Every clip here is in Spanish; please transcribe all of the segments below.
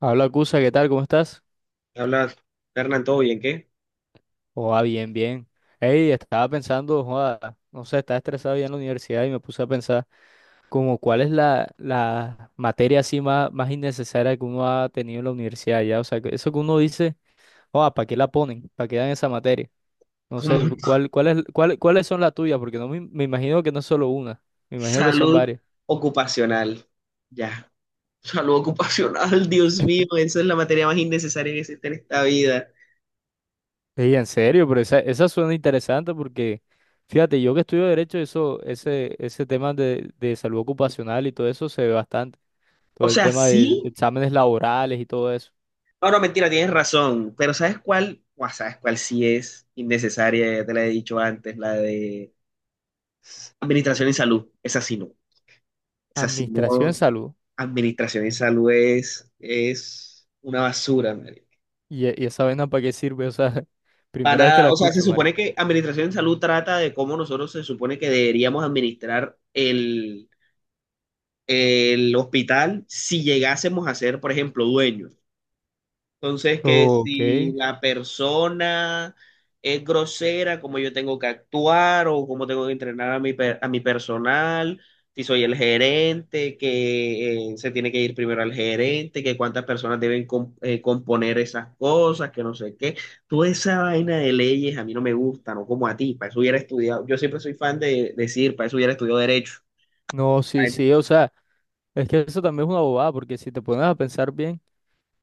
Habla Cusa, ¿qué tal? ¿Cómo estás? Hablas, Hernán, ¿todo bien? ¿Qué? Joda, bien, bien. Ey, estaba pensando, joda, no sé, estaba estresado ya en la universidad y me puse a pensar como cuál es la materia así más innecesaria que uno ha tenido en la universidad ya. O sea, que eso que uno dice, joda, ¿para qué la ponen? ¿Para qué dan esa materia? No Como sé, ¿ cuáles son las tuyas? Porque no me, me imagino que no es solo una, me imagino que son salud varias. ocupacional. Ya. Salud ocupacional, Dios mío, esa es la materia más innecesaria que existe en esta vida. Ey, en serio, pero esa suena interesante porque, fíjate, yo que estudio derecho, ese tema de salud ocupacional y todo eso se ve bastante. O Todo el sea, tema de sí. exámenes laborales y todo eso. Ahora, mentira, tienes razón. Pero ¿sabes cuál? Buah, ¿sabes cuál sí es innecesaria? Ya te la he dicho antes, la de administración y salud. Esa sí no. Esa sí Administración de no. salud. Administración y salud es una basura, man. ¿Y, y esa vaina para qué sirve? O sea, Para primera vez que nada, la o sea, se escucho, Mari. supone que administración en salud trata de cómo nosotros se supone que deberíamos administrar el hospital si llegásemos a ser, por ejemplo, dueños. Entonces, que Ok. si la persona es grosera, cómo yo tengo que actuar o cómo tengo que entrenar a mi personal, si soy el gerente, que se tiene que ir primero al gerente, que cuántas personas deben componer esas cosas, que no sé qué. Toda esa vaina de leyes a mí no me gusta, no como a ti, para eso hubiera estudiado, yo siempre soy fan de decir, para eso hubiera estudiado derecho. No, sí, Ay, sí, o sea, es que eso también es una bobada, porque si te pones a pensar bien,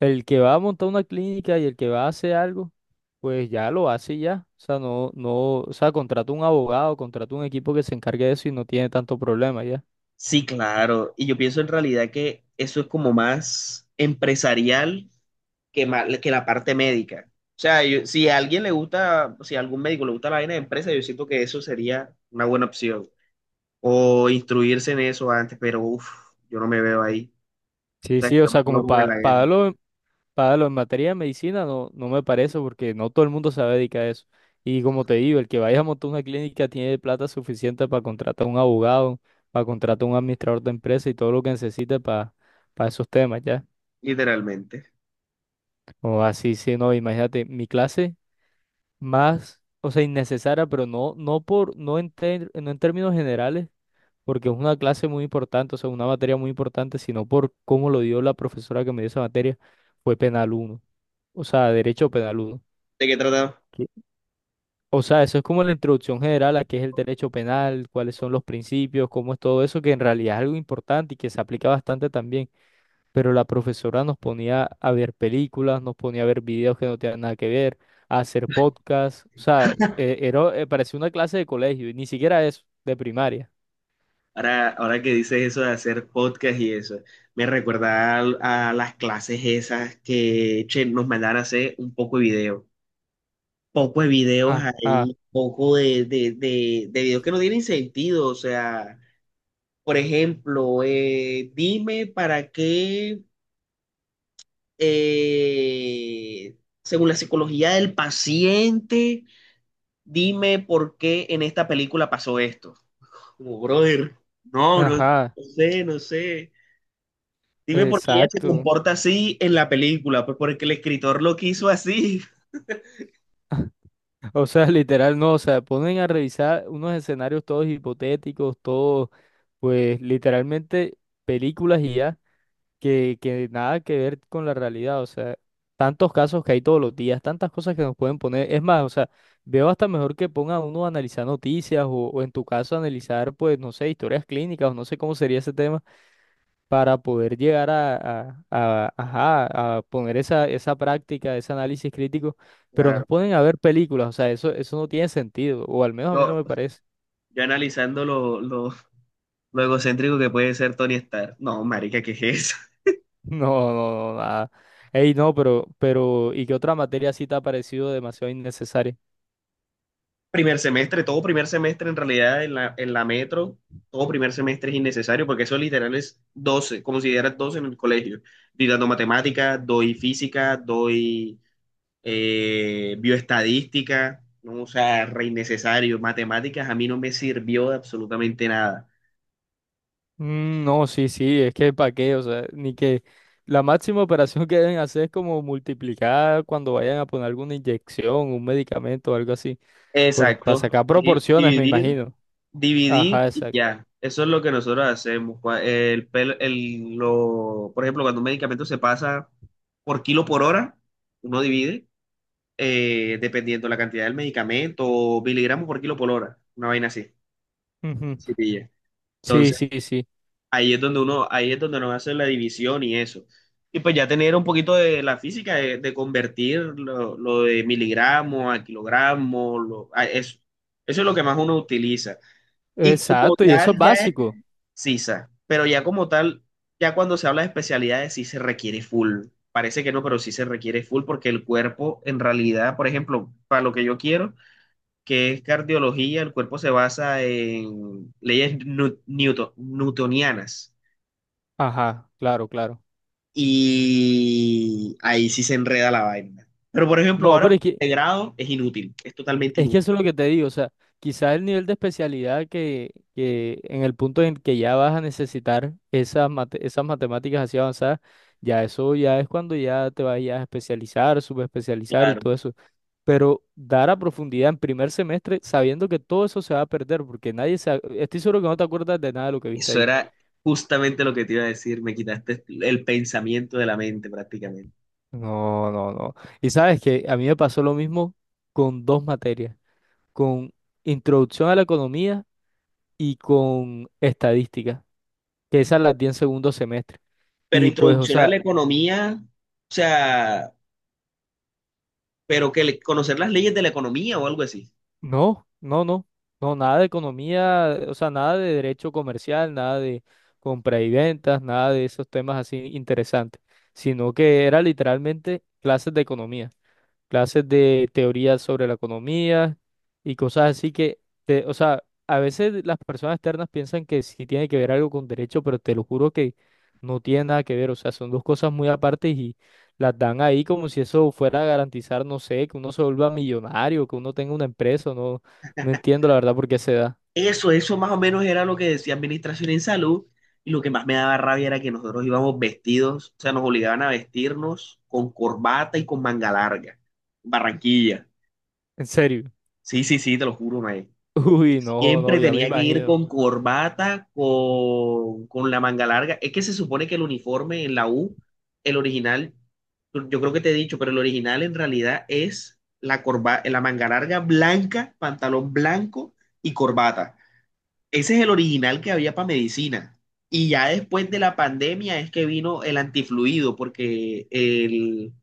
el que va a montar una clínica y el que va a hacer algo, pues ya lo hace y ya. O sea, no, no, o sea, contrata un abogado, contrata un equipo que se encargue de eso y no tiene tanto problema ya. sí, claro. Y yo pienso en realidad que eso es como más empresarial que la parte médica. O sea, si a alguien le gusta, si a algún médico le gusta la vaina de empresa, yo siento que eso sería una buena opción. O instruirse en eso antes, pero uff, yo no me veo ahí. O Sí, sea, sí, o yo sea, me veo como como en para la guerra, darlo, en pa darlo en materia de medicina no, no me parece porque no todo el mundo se va a dedicar a eso. Y como te digo, el que vaya a montar una clínica tiene plata suficiente para contratar un abogado, para contratar un administrador de empresa y todo lo que necesite para esos temas ya. literalmente. O así, sí, no, imagínate, mi clase más, o sea, innecesaria, pero no, no por, no en, no en términos generales porque es una clase muy importante, o sea, una materia muy importante, sino por cómo lo dio la profesora que me dio esa materia, fue penal uno, o sea, derecho penal uno. ¿De qué trataba? ¿Qué? O sea, eso es como la introducción general a qué es el derecho penal, cuáles son los principios, cómo es todo eso, que en realidad es algo importante y que se aplica bastante también. Pero la profesora nos ponía a ver películas, nos ponía a ver videos que no tenían nada que ver, a hacer podcasts. O sea, parecía una clase de colegio y ni siquiera eso, de primaria. Ahora que dices eso de hacer podcast y eso, me recuerda a las clases esas que che, nos mandaban a hacer un poco de video. Poco de videos Ajá, ahí, poco de videos que no tienen sentido, o sea. Por ejemplo, dime para qué, eh, según la psicología del paciente, dime por qué en esta película pasó esto. Como, brother, no, no, ajá, no sé, no sé. Dime por qué ella se exacto. comporta así en la película, pues porque el escritor lo quiso así. O sea, literal, no, o sea, ponen a revisar unos escenarios todos hipotéticos, todos, pues literalmente películas y ya, que nada que ver con la realidad, o sea, tantos casos que hay todos los días, tantas cosas que nos pueden poner, es más, o sea, veo hasta mejor que ponga uno a analizar noticias o en tu caso analizar, pues, no sé, historias clínicas o no sé cómo sería ese tema para poder llegar a, ajá, a poner esa práctica, ese análisis crítico, pero Claro. nos ponen a ver películas, o sea, eso no tiene sentido, o al menos a mí Yo, no me parece. yo analizando lo egocéntrico que puede ser Tony Stark. No, marica, ¿qué es eso? No, no, no, nada. Ey, no, pero, ¿y qué otra materia sí te ha parecido demasiado innecesaria? Primer semestre, todo primer semestre en realidad en la metro, todo primer semestre es innecesario porque eso literal es 12, como si dieras 12 en el colegio. Estoy dando matemáticas, doy física, doy bioestadística, ¿no? O sea, re innecesario. Matemáticas a mí no me sirvió de absolutamente nada. Mm, no, sí, sí, es que para qué, o sea, ni que la máxima operación que deben hacer es como multiplicar cuando vayan a poner alguna inyección, un medicamento o algo así, por, para Exacto. sacar Sí, proporciones, me dividir, imagino. Dividir Ajá, y exacto. ya. Eso es lo que nosotros hacemos. Lo, por ejemplo, cuando un medicamento se pasa por kilo por hora, uno divide, dependiendo la cantidad del medicamento, o miligramos por kilo por hora, una vaina así. Ujú. Sí, pilla. Sí, Entonces, sí, sí. Ahí es donde nos hace la división y eso. Y pues ya tener un poquito de la física, de convertir lo de miligramo a kilogramo, a eso. Eso es lo que más uno utiliza. Y como Exacto, y eso es tal, ya básico. CISA, pero ya como tal, ya cuando se habla de especialidades sí se requiere full. Parece que no, pero sí se requiere full porque el cuerpo en realidad, por ejemplo, para lo que yo quiero, que es cardiología, el cuerpo se basa en leyes newtonianas Ajá, claro, claro. y ahí sí se enreda la vaina. Pero por ejemplo, No, ahora pero de grado es inútil, es totalmente es que inútil. eso es lo que te digo, o sea, quizás el nivel de especialidad que en el punto en que ya vas a necesitar esas, esas matemáticas así avanzadas, ya eso ya es cuando ya te vayas a especializar, subespecializar y todo Claro, eso. Pero dar a profundidad en primer semestre sabiendo que todo eso se va a perder, porque nadie se, ac- estoy seguro que no te acuerdas de nada de lo que viste eso ahí. era justamente lo que te iba a decir, me quitaste el pensamiento de la mente prácticamente. No, no, no. Y sabes que a mí me pasó lo mismo con dos materias, con introducción a la economía y con estadística, que esas las di en segundo semestre. Pero Y pues, o introducción a sea, la economía, o sea, conocer las leyes de la economía o algo así. no, no, no, no, nada de economía, o sea, nada de derecho comercial, nada de compra y ventas, nada de esos temas así interesantes, sino que era literalmente clases de economía, clases de teoría sobre la economía y cosas así que, te- o sea, a veces las personas externas piensan que sí tiene que ver algo con derecho, pero te lo juro que no tiene nada que ver, o sea, son dos cosas muy aparte y las dan ahí como si eso fuera a garantizar, no sé, que uno se vuelva millonario, que uno tenga una empresa, no, no entiendo la verdad por qué se da, Eso más o menos era lo que decía Administración en Salud. Y lo que más me daba rabia era que nosotros íbamos vestidos, o sea, nos obligaban a vestirnos con corbata y con manga larga. Barranquilla. en serio. Sí, sí, sí, te lo juro, mae. Uy, no, no, Siempre ya me tenía que ir imagino, con corbata, con la manga larga. Es que se supone que el uniforme en la U, el original, yo creo que te he dicho, pero el original en realidad es la manga larga blanca, pantalón blanco y corbata. Ese es el original que había para medicina. Y ya después de la pandemia es que vino el antifluido, porque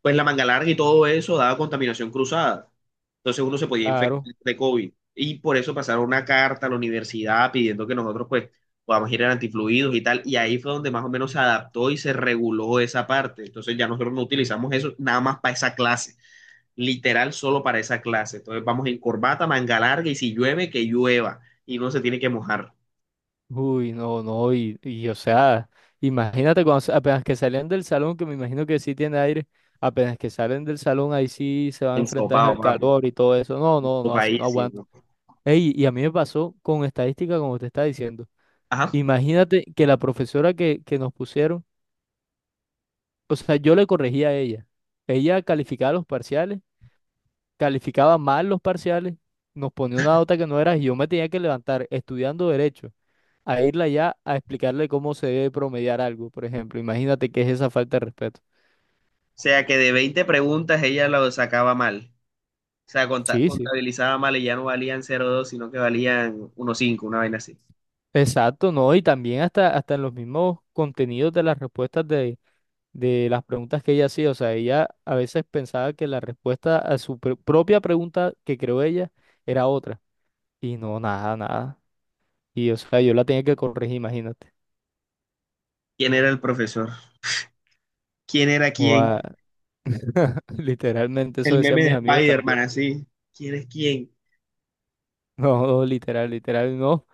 pues la manga larga y todo eso daba contaminación cruzada. Entonces uno se podía infectar claro. de COVID. Y por eso pasaron una carta a la universidad pidiendo que nosotros pues podamos ir al antifluidos y tal. Y ahí fue donde más o menos se adaptó y se reguló esa parte. Entonces ya nosotros no utilizamos eso nada más para esa clase, literal solo para esa clase. Entonces vamos en corbata, manga larga y si llueve, que llueva y no se tiene que mojar. Uy, no, no, y, o sea, imagínate cuando sa- apenas que salen del salón, que me imagino que sí tiene aire, apenas que salen del salón, ahí sí se van a enfrentar Ensopado, al papi. calor y todo eso. No, no, no, así no aguanto. Sopadísimo. Ey, y a mí me pasó con estadística, como te está diciendo. Ajá. Imagínate que la profesora que nos pusieron, o sea, yo le corregía a ella. Ella calificaba los parciales, calificaba mal los parciales, nos ponía una nota que no era, y yo me tenía que levantar estudiando derecho, a irla ya a explicarle cómo se debe promediar algo, por ejemplo. Imagínate qué es esa falta de respeto. O sea que de 20 preguntas ella lo sacaba mal. O sea, Sí, sí. contabilizaba mal y ya no valían 0,2 sino que valían 1,5, una vaina así. Exacto, no, y también hasta, hasta en los mismos contenidos de las respuestas de las preguntas que ella hacía. O sea, ella a veces pensaba que la respuesta a su propia pregunta que creó ella era otra. Y no, nada, nada. Y o sea, yo la tenía que corregir, imagínate. ¿Quién era el profesor? ¿Quién era quién? Guau, literalmente, eso El meme decían de mis amigos Spider-Man, también. así. ¿Quién es quién? No, literal, literal, no.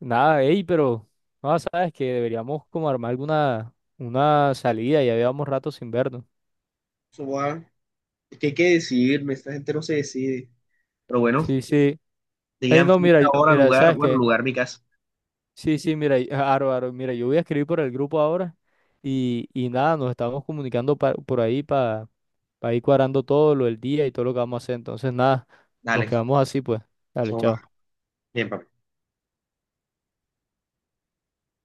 Nada, ey, pero no sabes que deberíamos como armar alguna una salida, ya llevamos rato sin vernos. Eso va- Es que hay que decidirme, esta gente no se decide. Pero bueno, Sí, sí. Ey, digan no, mira, fecha, hora, mira, lugar, ¿sabes bueno, qué? lugar, mi casa. Sí, sí, mira, ah, Aro, Aro, mira, yo voy a escribir por el grupo ahora y nada, nos estamos comunicando por ahí para ir cuadrando todo lo del día y todo lo que vamos a hacer. Entonces, nada, nos Dale, quedamos así, pues. Dale, eso chao. va. Bien, papá.